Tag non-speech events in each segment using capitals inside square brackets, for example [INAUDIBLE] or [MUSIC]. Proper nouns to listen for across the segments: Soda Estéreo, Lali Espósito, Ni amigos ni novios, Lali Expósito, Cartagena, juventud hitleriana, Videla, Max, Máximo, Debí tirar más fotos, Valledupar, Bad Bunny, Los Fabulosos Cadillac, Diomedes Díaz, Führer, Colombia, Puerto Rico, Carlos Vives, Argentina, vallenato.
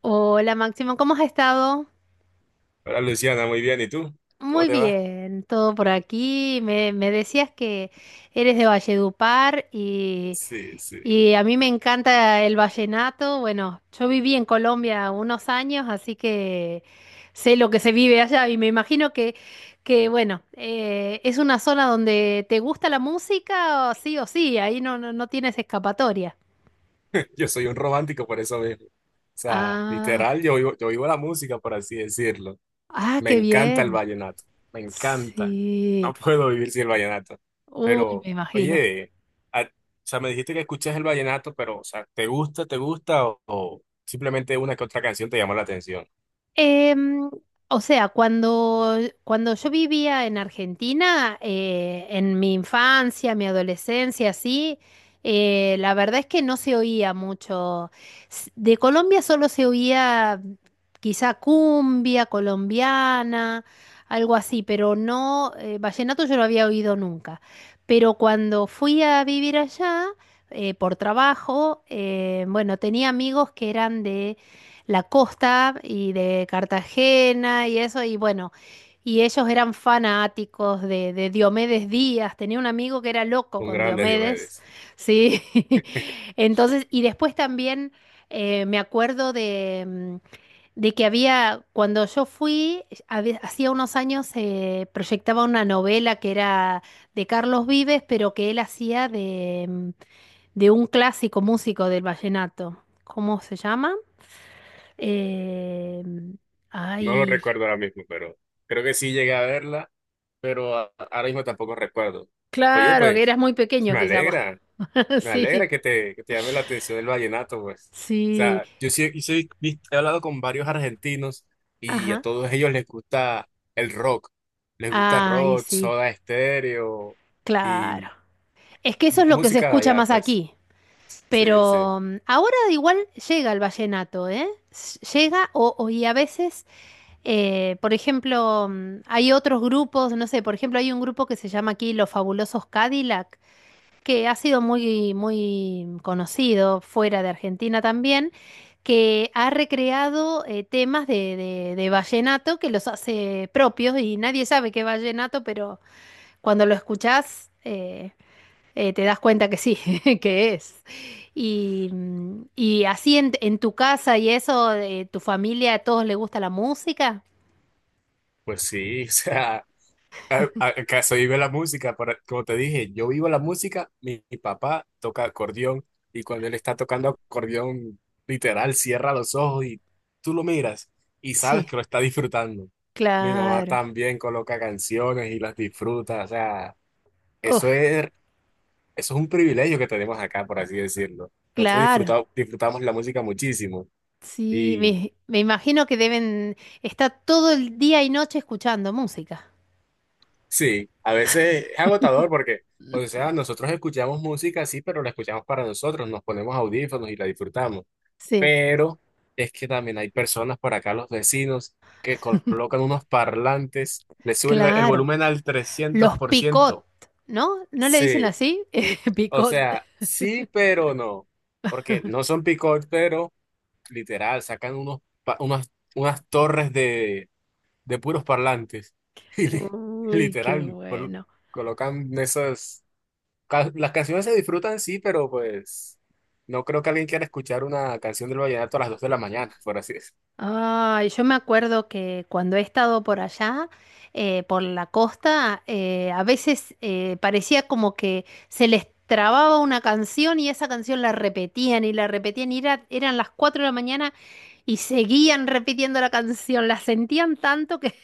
Hola Máximo, ¿cómo has estado? Hola Luciana, muy bien. ¿Y tú? ¿Cómo Muy te va? bien, todo por aquí. Me decías que eres de Valledupar y, Sí, sí. y a mí me encanta el vallenato. Bueno, yo viví en Colombia unos años, así que sé lo que se vive allá y me imagino que bueno, es una zona donde te gusta la música, o sí, ahí no, no, no tienes escapatoria. [LAUGHS] Yo soy un romántico por eso mismo. O sea, Ah, literal, yo vivo la música, por así decirlo. ah, Me qué encanta el bien. vallenato. Me encanta. No Sí. puedo vivir sin el vallenato. Uy, Pero, me imagino. oye, o sea, me dijiste que escuchas el vallenato, pero, o sea, te gusta o, simplemente una que otra canción te llamó la atención? Em, o sea, cuando yo vivía en Argentina, en mi infancia, mi adolescencia, sí, la verdad es que no se oía mucho. De Colombia solo se oía quizá cumbia colombiana, algo así, pero no, vallenato yo no había oído nunca. Pero cuando fui a vivir allá, por trabajo, bueno, tenía amigos que eran de la costa y de Cartagena y eso, y bueno, y ellos eran fanáticos de Diomedes Díaz, tenía un amigo que era loco Un con grande Diomedes, Diomedes. ¿sí? [LAUGHS] Entonces, y después también me acuerdo de que había, cuando yo fui, hacía unos años se proyectaba una novela que era de Carlos Vives, pero que él hacía de un clásico músico del vallenato. ¿Cómo se llama? Eh, No lo ay, recuerdo ahora mismo, pero creo que sí llegué a verla, pero ahora mismo tampoco recuerdo. Oye, claro, que eras pues, muy pequeño me quizá vos. alegra, [LAUGHS] me alegra Sí, que te llame la atención el vallenato, pues. O sí, sea, yo sí, he hablado con varios argentinos y a ajá. todos ellos les gusta el rock. Les gusta Ay, rock, sí, Soda Estéreo claro. y Es que eso es lo que se música de escucha allá, más pues. aquí. Sí, sí. Pero ahora igual llega el vallenato, ¿eh? Llega y a veces, por ejemplo, hay otros grupos, no sé, por ejemplo, hay un grupo que se llama aquí Los Fabulosos Cadillac que ha sido muy, muy conocido fuera de Argentina también, que ha recreado temas de vallenato que los hace propios y nadie sabe qué es vallenato, pero cuando lo escuchás te das cuenta que sí, [LAUGHS] que es. Y así en tu casa y eso, tu familia, ¿a todos les gusta la música? Pues sí, [LAUGHS] o sea. Acá se vive la música, para como te dije, yo vivo la música, mi papá toca acordeón y cuando él está tocando acordeón, literal, cierra los ojos y tú lo miras y sabes Sí, que lo está disfrutando. Mi mamá claro. también coloca canciones y las disfruta, o sea, Uf, eso es, eso es un privilegio que tenemos acá, por así decirlo. Nosotros claro. Disfrutamos la música muchísimo. Sí, me imagino que deben estar todo el día y noche escuchando música. Sí, a veces es agotador porque, o sea, nosotros escuchamos música, sí, pero la escuchamos para nosotros, nos ponemos audífonos y la disfrutamos. Sí, Pero es que también hay personas por acá, los vecinos, que colocan unos parlantes, le suben el claro. volumen al trescientos Los por picot, ciento, ¿no? ¿No le dicen Sí, así? [LAUGHS] o Picot. sea, sí, pero no, porque no son picot, pero literal, sacan pa- unas, unas torres de puros parlantes. [LAUGHS] Y Uy, qué literal, bueno. colocan esas... Las canciones se disfrutan, sí, pero pues no creo que alguien quiera escuchar una canción del vallenato a las 2 de la mañana, por así decirlo. Ay, yo me acuerdo que cuando he estado por allá, por la costa, a veces parecía como que se les trababa una canción y esa canción la repetían y eran las 4 de la mañana y seguían repitiendo la canción, la sentían tanto que...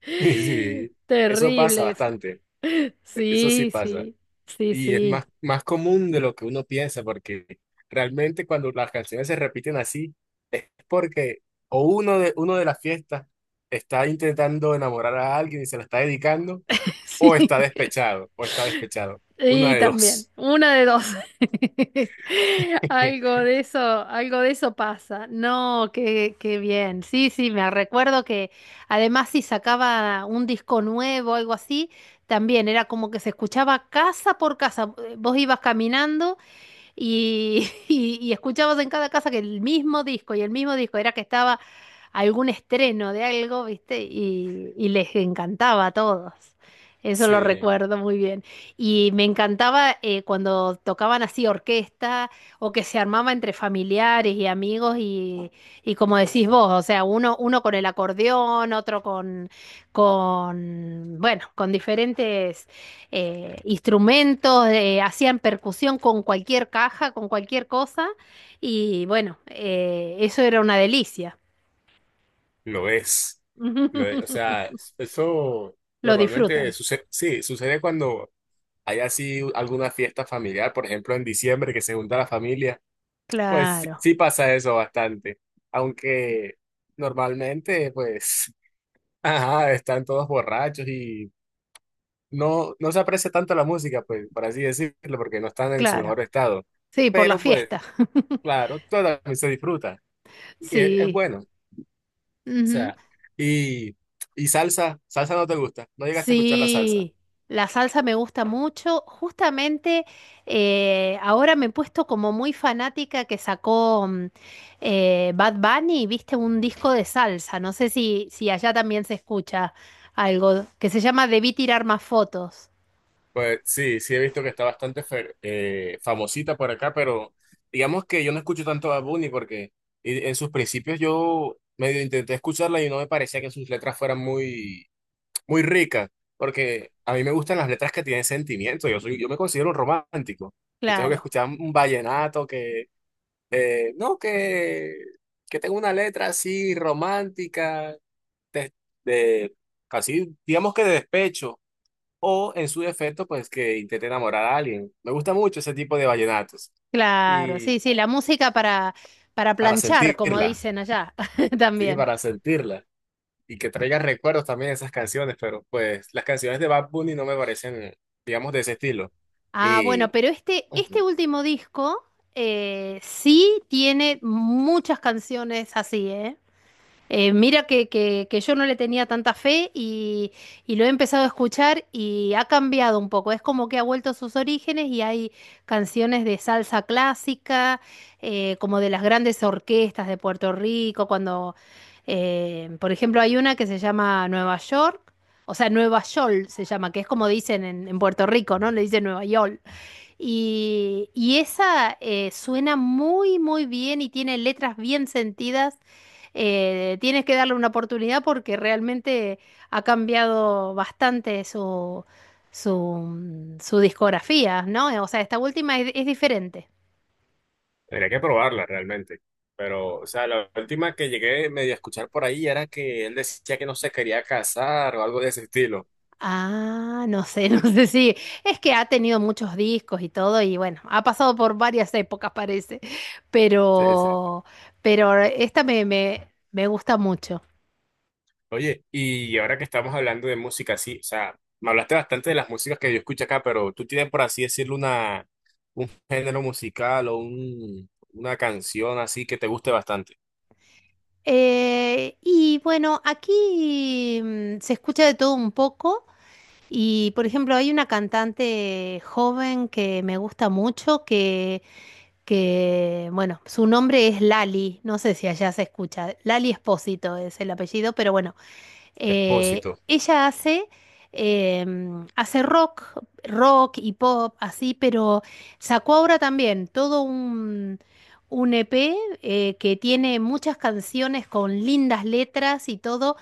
[LAUGHS] Y sí, eso pasa Terrible eso. bastante, eso sí Sí, pasa. sí, sí, Y es más, sí, más común de lo que uno piensa, porque realmente cuando las canciones se repiten así, es porque o uno de las fiestas está intentando enamorar a alguien y se la está dedicando. [LAUGHS] O sí. está despechado, o está despechado. Una Y de también, dos. una de dos. [LAUGHS] Algo [LAUGHS] de eso, algo de eso pasa. No, qué bien. Sí, sí, me recuerdo que además si sacaba un disco nuevo algo así, también era como que se escuchaba casa por casa. Vos ibas caminando y, [LAUGHS] y escuchabas en cada casa que el mismo disco y el mismo disco era que estaba algún estreno de algo, ¿viste? Y les encantaba a todos. Eso lo Sí, recuerdo muy bien. Y me encantaba cuando tocaban así orquesta o que se armaba entre familiares y amigos y como decís vos, o sea, uno con el acordeón, otro bueno, con diferentes instrumentos, hacían percusión con cualquier caja, con cualquier cosa, y bueno, eso era una delicia. lo es. Lo es. O [LAUGHS] sea, eso Lo normalmente disfrutan. sucede, sí, sucede cuando hay así alguna fiesta familiar, por ejemplo, en diciembre que se junta la familia. Pues sí, Claro, sí pasa eso bastante. Aunque normalmente, pues, [LAUGHS] ajá, están todos borrachos y no, no se aprecia tanto la música, pues, por así decirlo, porque no están en su claro. mejor estado. Sí, por la Pero, pues, fiesta. [LAUGHS] claro, todo también se disfruta. Y es Sí. bueno. O Ujú. sea, y, y salsa, salsa no te gusta, no llegaste a escuchar la salsa. Sí, la salsa me gusta mucho. Justamente ahora me he puesto como muy fanática que sacó Bad Bunny, viste, un disco de salsa. No sé si allá también se escucha algo que se llama Debí tirar más fotos. Pues sí, sí he visto que está bastante famosita por acá, pero digamos que yo no escucho tanto a Bunny porque en sus principios yo medio intenté escucharla y no me parecía que sus letras fueran muy, muy ricas, porque a mí me gustan las letras que tienen sentimiento, yo me considero un romántico. Yo tengo que Claro, escuchar un vallenato que, no, que tenga una letra así romántica, de, de casi, digamos que de despecho, o en su defecto, pues que intente enamorar a alguien. Me gusta mucho ese tipo de vallenatos. claro, Y sí, sí, la música para para planchar, como sentirla, dicen allá [LAUGHS] sí, también. para sentirla. Y que traiga recuerdos también esas canciones, pero pues las canciones de Bad Bunny no me parecen, digamos, de ese estilo. Ah, bueno, Y pero este ujú, último disco sí tiene muchas canciones así, ¿eh? Mira que yo no le tenía tanta fe y lo he empezado a escuchar y ha cambiado un poco. Es como que ha vuelto a sus orígenes y hay canciones de salsa clásica, como de las grandes orquestas de Puerto Rico, cuando, por ejemplo, hay una que se llama Nueva York, o sea, Nueva Yol se llama, que es como dicen en Puerto Rico, ¿no? Le dicen Nueva York. Y esa suena muy, muy bien y tiene letras bien sentidas. Tienes que darle una oportunidad porque realmente ha cambiado bastante su discografía, ¿no? O sea, esta última es diferente. tendría que probarla realmente. Pero, o sea, la última que llegué medio a escuchar por ahí era que él decía que no se quería casar o algo de ese estilo. Ah, no sé, [LAUGHS] no sé si. Es que ha tenido muchos discos y todo, y bueno, ha pasado por varias épocas, parece. Sí, sí. Pero, pero esta me gusta mucho. Oye, y ahora que estamos hablando de música, sí, o sea, me hablaste bastante de las músicas que yo escucho acá, pero tú tienes, por así decirlo, un género musical o una canción así que te guste bastante. Y bueno, aquí se escucha de todo un poco y, por ejemplo, hay una cantante joven que me gusta mucho bueno, su nombre es Lali, no sé si allá se escucha, Lali Espósito es el apellido, pero bueno, Expósito. ella hace rock, y pop, así, pero sacó ahora también todo un EP que tiene muchas canciones con lindas letras y todo.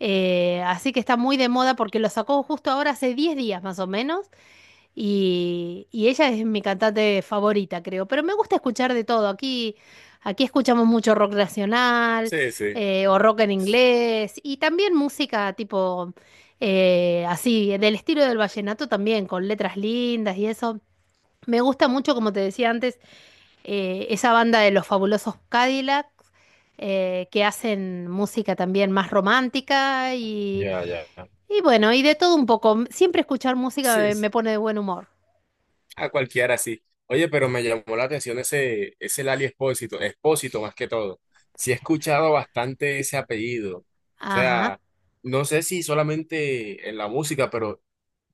Así que está muy de moda porque lo sacó justo ahora hace 10 días más o menos. Y ella es mi cantante favorita, creo. Pero me gusta escuchar de todo. Aquí escuchamos mucho rock nacional Sí, sí. O rock en inglés y también música tipo así, del estilo del vallenato también, con letras lindas y eso. Me gusta mucho, como te decía antes, esa banda de los fabulosos Cadillac que hacen música también más romántica y, Ya, ya. ya. y bueno, y de todo un poco. Siempre escuchar música Sí, me sí, me pone de buen humor. a cualquiera así. Oye, pero me llamó la atención ese Lali Expósito, Expósito más que todo. Sí he escuchado bastante ese apellido. O Ajá. sea, no sé si solamente en la música, pero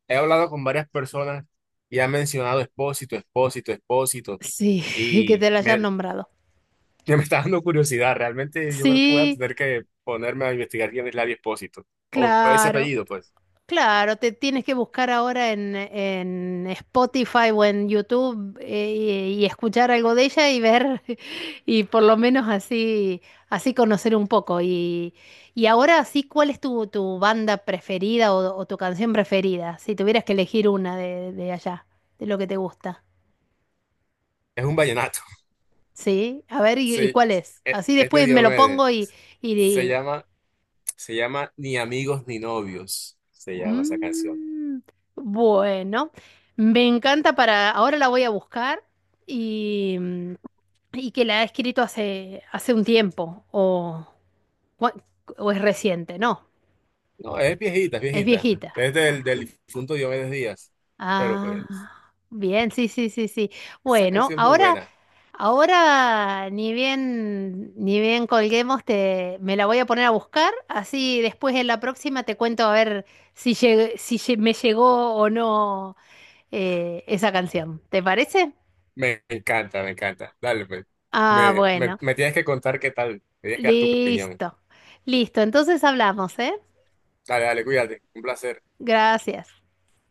he hablado con varias personas y han mencionado Expósito, Expósito, Expósito, Sí, [LAUGHS] y que y te la hayan me, nombrado. [LAUGHS] que me está dando curiosidad. Realmente yo creo que voy a Sí, tener que ponerme a investigar quién es Ladio Expósito, o ese claro, apellido, pues. claro, te tienes que buscar ahora en Spotify o en YouTube y escuchar algo de ella y ver, [LAUGHS] y por lo menos así conocer un poco. Y ahora sí, ¿cuál es tu banda preferida o tu canción preferida? Si tuvieras que elegir una de allá, de lo que te gusta. Es un vallenato. [LAUGHS] Sí, a ver, ¿y Sí, cuál es? es Así es de después me lo Diomedes. pongo y, Se y llama, se llama Ni amigos ni novios, se llama esa canción. Mm, bueno, me encanta para... Ahora la voy a buscar y, mm, y que la ha escrito hace un tiempo cua- o es reciente, no, No, es viejita, es es viejita. viejita. Es del Ah, difunto Diomedes Díaz, pero pues, ah, bien, sí, sí, sí, sí. esa Bueno, canción es muy ahora, buena. ahora ni bien colguemos, me la voy a poner a buscar, así después en la próxima te cuento a ver si me llegó o no esa canción. ¿Te parece? Me encanta, me encanta. Dale, pues. Ah, Me, me, bueno. me tienes que contar qué tal. Me tienes que dar tu opinión. Listo. Listo. Entonces hablamos, ¿eh? Dale, dale, cuídate. Un placer. Gracias.